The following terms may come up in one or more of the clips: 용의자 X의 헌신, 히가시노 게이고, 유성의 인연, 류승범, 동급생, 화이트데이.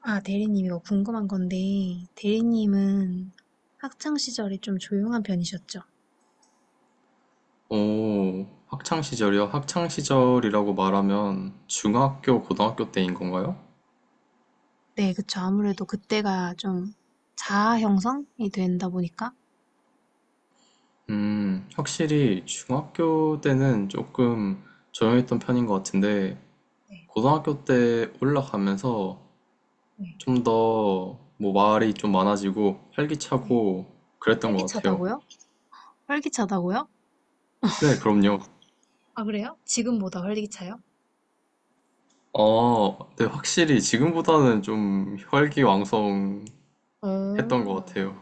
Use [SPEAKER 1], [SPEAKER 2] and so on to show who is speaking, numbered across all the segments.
[SPEAKER 1] 아, 대리님, 이거 궁금한 건데, 대리님은 학창 시절에 좀 조용한 편이셨죠?
[SPEAKER 2] 오, 학창 시절이요? 학창 시절이라고 말하면 중학교, 고등학교 때인 건가요?
[SPEAKER 1] 네, 그쵸. 아무래도 그때가 좀 자아 형성이 된다 보니까.
[SPEAKER 2] 확실히 중학교 때는 조금 조용했던 편인 것 같은데,
[SPEAKER 1] 네,
[SPEAKER 2] 고등학교 때 올라가면서
[SPEAKER 1] 네,
[SPEAKER 2] 좀 더 뭐 말이 좀 많아지고
[SPEAKER 1] 네.
[SPEAKER 2] 활기차고 그랬던 것 같아요.
[SPEAKER 1] 활기차다고요? 활기차다고요?
[SPEAKER 2] 네, 그럼요.
[SPEAKER 1] 아, 그래요? 지금보다 활기차요?
[SPEAKER 2] 아, 네, 확실히 지금보다는 좀 혈기왕성했던
[SPEAKER 1] 어,
[SPEAKER 2] 것 같아요.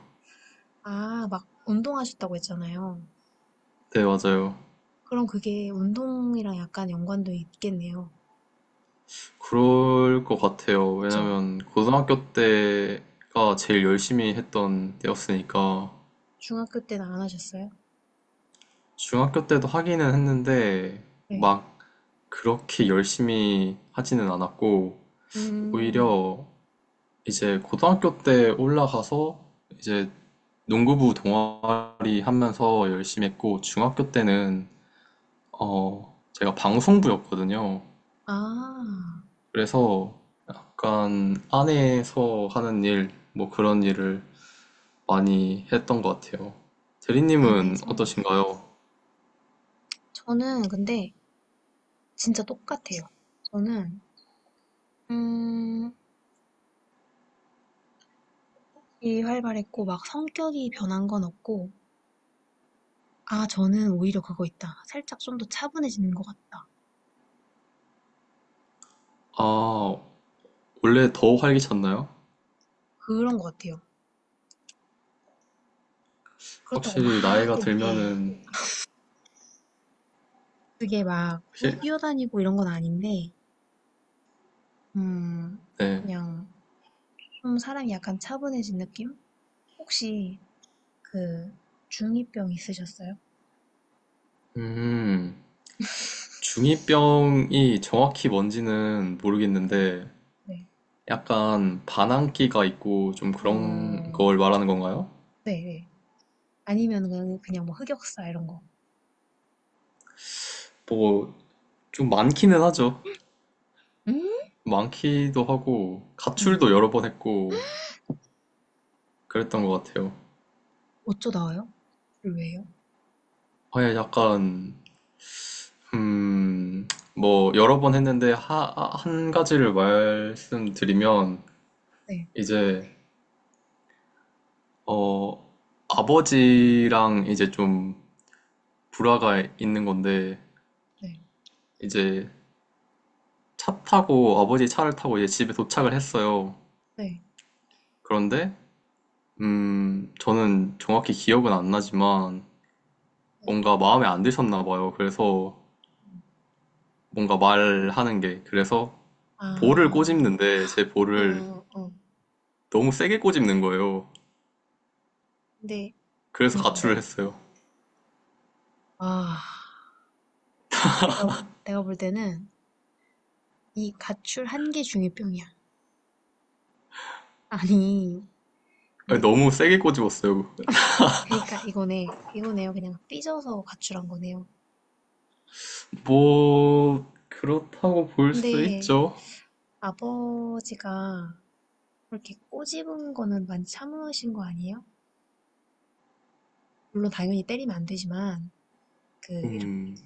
[SPEAKER 1] 아, 막 운동하셨다고 했잖아요.
[SPEAKER 2] 네, 맞아요.
[SPEAKER 1] 그럼 그게 운동이랑 약간 연관도 있겠네요.
[SPEAKER 2] 그럴 것 같아요.
[SPEAKER 1] 그쵸?
[SPEAKER 2] 왜냐면 고등학교 때가 제일 열심히 했던 때였으니까
[SPEAKER 1] 중학교 때는 안 하셨어요?
[SPEAKER 2] 중학교 때도 하기는 했는데
[SPEAKER 1] 네.
[SPEAKER 2] 막 그렇게 열심히 하지는 않았고
[SPEAKER 1] 음,
[SPEAKER 2] 오히려 이제 고등학교 때 올라가서 이제 농구부 동아리 하면서 열심히 했고 중학교 때는 제가 방송부였거든요.
[SPEAKER 1] 아,
[SPEAKER 2] 그래서 약간 안에서 하는 일, 뭐 그런 일을 많이 했던 것 같아요. 대리님은
[SPEAKER 1] 안에서.
[SPEAKER 2] 어떠신가요?
[SPEAKER 1] 저는 근데 진짜 똑같아요. 저는 음, 이 활발했고 막 성격이 변한 건 없고. 아 저는 오히려 그거 있다. 살짝 좀 더 차분해지는 것 같다.
[SPEAKER 2] 아, 원래 더 활기찼나요?
[SPEAKER 1] 그런 것 같아요. 그렇다고
[SPEAKER 2] 확실히
[SPEAKER 1] 막
[SPEAKER 2] 나이가
[SPEAKER 1] 이렇게
[SPEAKER 2] 들면은,
[SPEAKER 1] 그게 막 뭐
[SPEAKER 2] 실-
[SPEAKER 1] 뛰어다니고 이런 건 아닌데 음
[SPEAKER 2] 네.
[SPEAKER 1] 그냥 좀 사람이 약간 차분해진 느낌? 혹시 그 중이병 있으셨어요?
[SPEAKER 2] 음, 중이병이 정확히 뭔지는
[SPEAKER 1] 네,
[SPEAKER 2] 모르겠는데,
[SPEAKER 1] 네,
[SPEAKER 2] 약간 반항기가 있고 좀 그런
[SPEAKER 1] 어,
[SPEAKER 2] 걸 말하는 건가요?
[SPEAKER 1] 네, 네. 아니면 그냥 뭐 흑역사 이런 거.
[SPEAKER 2] 뭐, 좀 많기는 하죠.
[SPEAKER 1] 음.
[SPEAKER 2] 많기도 하고,
[SPEAKER 1] 음.
[SPEAKER 2] 가출도 여러 번 했고, 그랬던 것 같아요.
[SPEAKER 1] 어쩌다가요? 를 왜요?
[SPEAKER 2] 아예 약간 음, 뭐, 여러 번 했는데, 한 가지를 말씀드리면,
[SPEAKER 1] 네.
[SPEAKER 2] 이제, 어, 아버지랑 이제 좀 불화가 있는 건데,
[SPEAKER 1] 네.
[SPEAKER 2] 이제 차 타고, 아버지 차를 타고 이제 집에 도착을 했어요.
[SPEAKER 1] 네.
[SPEAKER 2] 그런데, 저는 정확히 기억은 안 나지만,
[SPEAKER 1] 네.
[SPEAKER 2] 뭔가 마음에 안 드셨나 봐요. 그래서,
[SPEAKER 1] 음.
[SPEAKER 2] 뭔가 말하는 게, 그래서 볼을
[SPEAKER 1] 아.
[SPEAKER 2] 꼬집는데, 제
[SPEAKER 1] 어,
[SPEAKER 2] 볼을
[SPEAKER 1] 어, 어.
[SPEAKER 2] 너무 세게 꼬집는 거예요.
[SPEAKER 1] 근데
[SPEAKER 2] 그래서 가출을
[SPEAKER 1] 네.
[SPEAKER 2] 했어요.
[SPEAKER 1] 아, 내가 볼, 내가 볼 때는 이 가출 한 개 중에 병이야. 아니,
[SPEAKER 2] 아니,
[SPEAKER 1] 근데
[SPEAKER 2] 너무 세게 꼬집었어요.
[SPEAKER 1] 그러니까 이거네. 이거네요. 그냥 삐져서 가출한 거네요.
[SPEAKER 2] 뭐, 그렇다고 볼 수
[SPEAKER 1] 근데
[SPEAKER 2] 있죠.
[SPEAKER 1] 아버지가 그렇게 꼬집은 거는 많이 참으신 거 아니에요? 물론 당연히 때리면 안 되지만 그 이렇게
[SPEAKER 2] 음,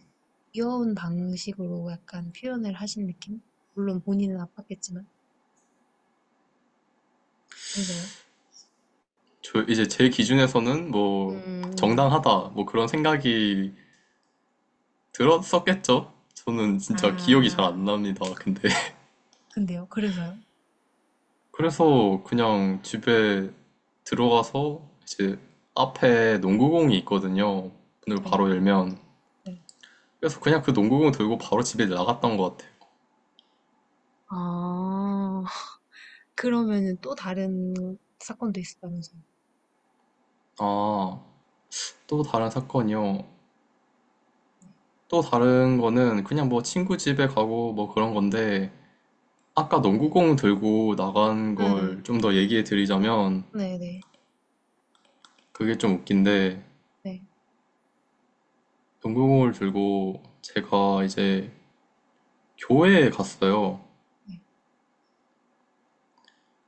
[SPEAKER 1] 귀여운 방식으로 약간 표현을 하신 느낌? 물론 본인은 아팠겠지만. 그래서요.
[SPEAKER 2] 저 이제 제 기준에서는 뭐,
[SPEAKER 1] 음,
[SPEAKER 2] 정당하다, 뭐 그런 생각이 들었었겠죠. 저는 진짜 기억이 잘
[SPEAKER 1] 아,
[SPEAKER 2] 안 납니다. 근데.
[SPEAKER 1] 근데요. 그래서요.
[SPEAKER 2] 그래서 그냥 집에 들어가서 이제 앞에 농구공이 있거든요. 문을
[SPEAKER 1] 네.
[SPEAKER 2] 바로 열면.
[SPEAKER 1] 네.
[SPEAKER 2] 그래서 그냥 그 농구공 들고 바로 집에 나갔던 것 같아요.
[SPEAKER 1] 아, 그러면은 또 다른 사건도 있었다면서요.
[SPEAKER 2] 아, 또 다른 사건이요.
[SPEAKER 1] 네.
[SPEAKER 2] 또 다른 거는 그냥 뭐 친구 집에 가고 뭐 그런 건데 아까
[SPEAKER 1] 네.
[SPEAKER 2] 농구공 들고 나간
[SPEAKER 1] 음,
[SPEAKER 2] 걸 좀 더 얘기해 드리자면
[SPEAKER 1] 네, 네.
[SPEAKER 2] 그게 좀 웃긴데
[SPEAKER 1] 네.
[SPEAKER 2] 농구공을 들고 제가 이제 교회에 갔어요.
[SPEAKER 1] 네.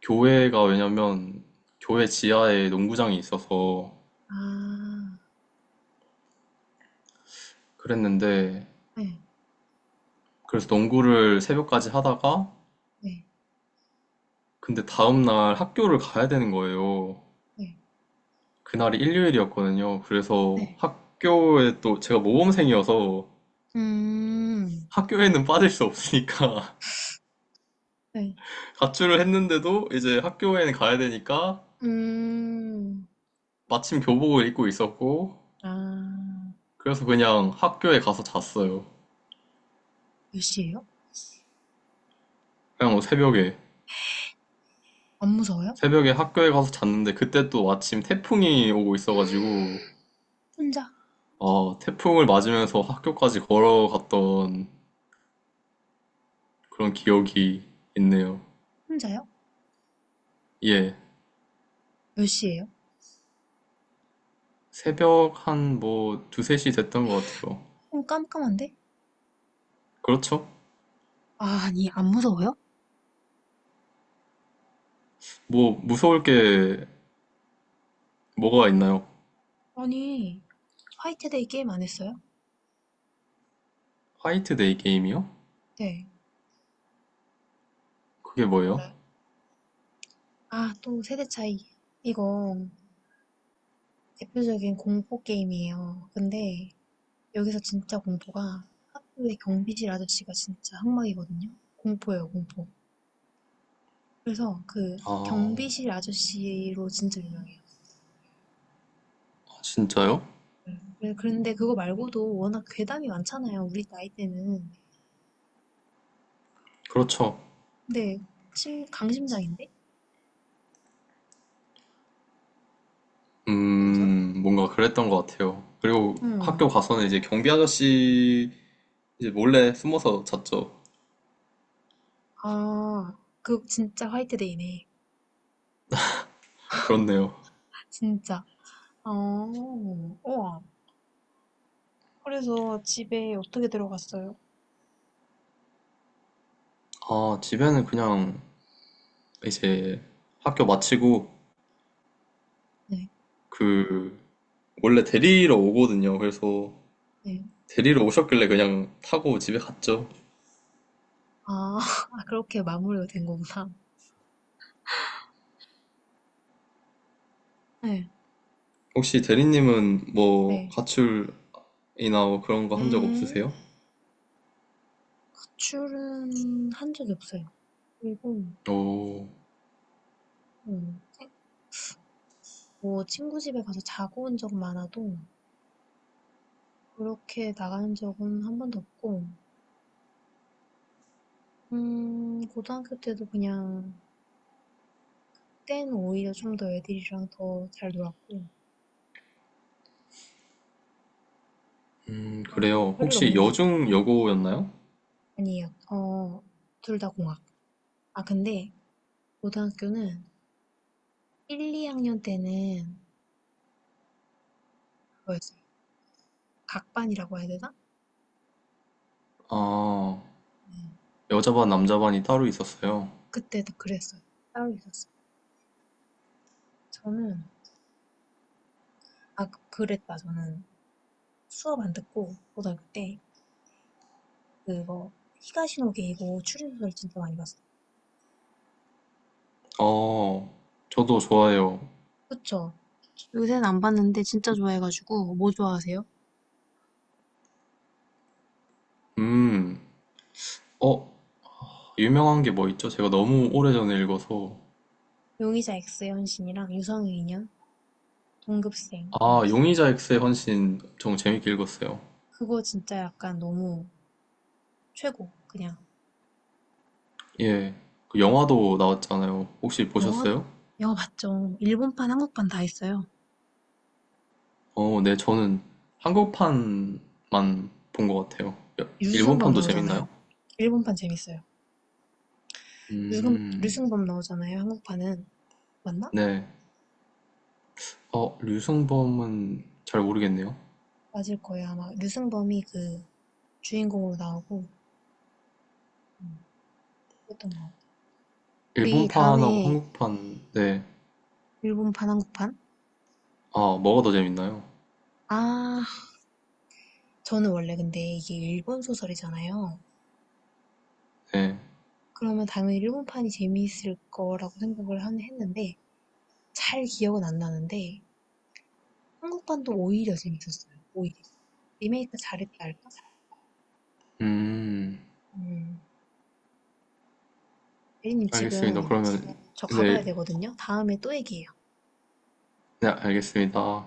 [SPEAKER 2] 교회가 왜냐면 교회 지하에 농구장이 있어서
[SPEAKER 1] 아,
[SPEAKER 2] 그랬는데
[SPEAKER 1] 네.
[SPEAKER 2] 그래서 농구를 새벽까지 하다가
[SPEAKER 1] 네.
[SPEAKER 2] 근데 다음날 학교를 가야 되는 거예요.
[SPEAKER 1] 네.
[SPEAKER 2] 그날이 일요일이었거든요. 그래서
[SPEAKER 1] 네.
[SPEAKER 2] 학교에 또 제가 모범생이어서
[SPEAKER 1] 음,
[SPEAKER 2] 학교에는 빠질 수 없으니까
[SPEAKER 1] 네.
[SPEAKER 2] 가출을 했는데도 이제 학교에는 가야 되니까
[SPEAKER 1] 음.
[SPEAKER 2] 마침 교복을 입고 있었고
[SPEAKER 1] 아,
[SPEAKER 2] 그래서 그냥 학교에 가서 잤어요.
[SPEAKER 1] 몇 시예요?
[SPEAKER 2] 그냥 뭐 새벽에
[SPEAKER 1] 안 무서워요?
[SPEAKER 2] 새벽에 학교에 가서 잤는데 그때 또 마침 태풍이 오고 있어가지고
[SPEAKER 1] 혼자?
[SPEAKER 2] 태풍을 맞으면서 학교까지 걸어갔던 그런 기억이 있네요.
[SPEAKER 1] 혼자요?
[SPEAKER 2] 예.
[SPEAKER 1] 몇 시예요?
[SPEAKER 2] 새벽 한 뭐 두세 시 됐던 것 같아요.
[SPEAKER 1] 좀 깜깜한데?
[SPEAKER 2] 그렇죠?
[SPEAKER 1] 아, 아니, 안 무서워요?
[SPEAKER 2] 뭐 무서울 게 뭐가 있나요?
[SPEAKER 1] 아니, 화이트데이 게임 안 했어요?
[SPEAKER 2] 화이트데이 게임이요?
[SPEAKER 1] 네.
[SPEAKER 2] 그게
[SPEAKER 1] 그거
[SPEAKER 2] 뭐예요?
[SPEAKER 1] 몰라요? 아, 또 세대 차이. 이거 대표적인 공포 게임이에요. 근데 여기서 진짜 공포가 학교의 경비실 아저씨가 진짜 항막이거든요. 공포예요, 공포. 그래서 그
[SPEAKER 2] 아,
[SPEAKER 1] 경비실 아저씨로 진짜 유명해요.
[SPEAKER 2] 진짜요?
[SPEAKER 1] 네. 그런데 그거 말고도 워낙 괴담이 많잖아요, 우리 나이 때는.
[SPEAKER 2] 그렇죠.
[SPEAKER 1] 근데 심, 강심장인데? 완전?
[SPEAKER 2] 뭔가 그랬던 것 같아요. 그리고 학교
[SPEAKER 1] 응.
[SPEAKER 2] 가서는 이제 경비 아저씨 이제 몰래 숨어서 잤죠.
[SPEAKER 1] 아, 그 진짜 화이트데이네.
[SPEAKER 2] 그렇네요.
[SPEAKER 1] 진짜. 어, 우와. 그래서 집에 어떻게 들어갔어요?
[SPEAKER 2] 아, 집에는 그냥 이제 학교 마치고
[SPEAKER 1] 네,
[SPEAKER 2] 그 원래 데리러 오거든요. 그래서
[SPEAKER 1] 네.
[SPEAKER 2] 데리러 오셨길래 그냥 타고 집에 갔죠.
[SPEAKER 1] 아, 그렇게 마무리가 된 거구나. 네,
[SPEAKER 2] 혹시 대리님은 뭐
[SPEAKER 1] 네.
[SPEAKER 2] 가출이나 뭐 그런 거 한 적
[SPEAKER 1] 에,
[SPEAKER 2] 없으세요?
[SPEAKER 1] 출은 한 적이 없어요. 그리고,
[SPEAKER 2] 오,
[SPEAKER 1] 음, 뭐, 친구 집에 가서 자고 온 적 많아도, 그렇게 나가는 적은 한 번도 없고, 고등학교 때도 그냥, 그때는 오히려 좀 더 애들이랑 더 잘 놀았고, 어,
[SPEAKER 2] 그래요.
[SPEAKER 1] 별일
[SPEAKER 2] 혹시
[SPEAKER 1] 없는 것 같아요.
[SPEAKER 2] 여중 여고였나요?
[SPEAKER 1] 아니요. 어, 둘 다 공학. 아, 근데 고등학교는 1, 2학년 때는 그거였어요. 각반이라고 해야 되나?
[SPEAKER 2] 아,
[SPEAKER 1] 네.
[SPEAKER 2] 여자반, 남자반이 따로 있었어요.
[SPEAKER 1] 그때도 그랬어요. 따로 있었어요. 저는, 아, 그랬다. 저는 수업 안 듣고 고등학교 때 그거 히가시노 게이고 추리소설 진짜 많이 봤어요.
[SPEAKER 2] 어, 저도 좋아해요.
[SPEAKER 1] 그쵸? 요새는 안 봤는데 진짜 좋아해가지고 뭐 좋아하세요?
[SPEAKER 2] 음, 어, 유명한 게 뭐 있죠? 제가 너무 오래전에 읽어서.
[SPEAKER 1] 용의자 X 현신이랑 유성의 인연, 동급생 이런
[SPEAKER 2] 아,
[SPEAKER 1] 거.
[SPEAKER 2] 용의자 X의 헌신 엄청 재밌게 읽었어요.
[SPEAKER 1] 그거 진짜 약간 너무 최고. 그냥
[SPEAKER 2] 예, 그 영화도 나왔잖아요. 혹시
[SPEAKER 1] 영화
[SPEAKER 2] 보셨어요?
[SPEAKER 1] 영화 봤죠. 일본판, 한국판 다 있어요.
[SPEAKER 2] 어, 네, 저는 한국판만 본 것 같아요.
[SPEAKER 1] 류승범
[SPEAKER 2] 일본판도
[SPEAKER 1] 나오잖아요.
[SPEAKER 2] 재밌나요?
[SPEAKER 1] 일본판 재밌어요.
[SPEAKER 2] 음,
[SPEAKER 1] 류승범 나오잖아요. 한국판은. 맞나?
[SPEAKER 2] 네. 어, 류승범은 잘 모르겠네요.
[SPEAKER 1] 맞을 거예요. 아마 류승범이 그 주인공으로 나오고, 음, 그랬던 것 같아요. 우리
[SPEAKER 2] 일본판하고
[SPEAKER 1] 다음에
[SPEAKER 2] 한국판, 네.
[SPEAKER 1] 일본판, 한국판?
[SPEAKER 2] 아, 뭐가 더 재밌나요?
[SPEAKER 1] 아, 저는 원래 근데 이게 일본 소설이잖아요.
[SPEAKER 2] 네.
[SPEAKER 1] 그러면 당연히 일본판이 재미있을 거라고 생각을 했는데, 잘 기억은 안 나는데, 한국판도 오히려 재밌었어요. 오히려. 리메이크 잘했다 할까?
[SPEAKER 2] 음,
[SPEAKER 1] 음, 대리님
[SPEAKER 2] 알겠습니다.
[SPEAKER 1] 지금
[SPEAKER 2] 그러면,
[SPEAKER 1] 저
[SPEAKER 2] 네,
[SPEAKER 1] 가봐야 되거든요. 다음에 또 얘기해요.
[SPEAKER 2] 네, 알겠습니다.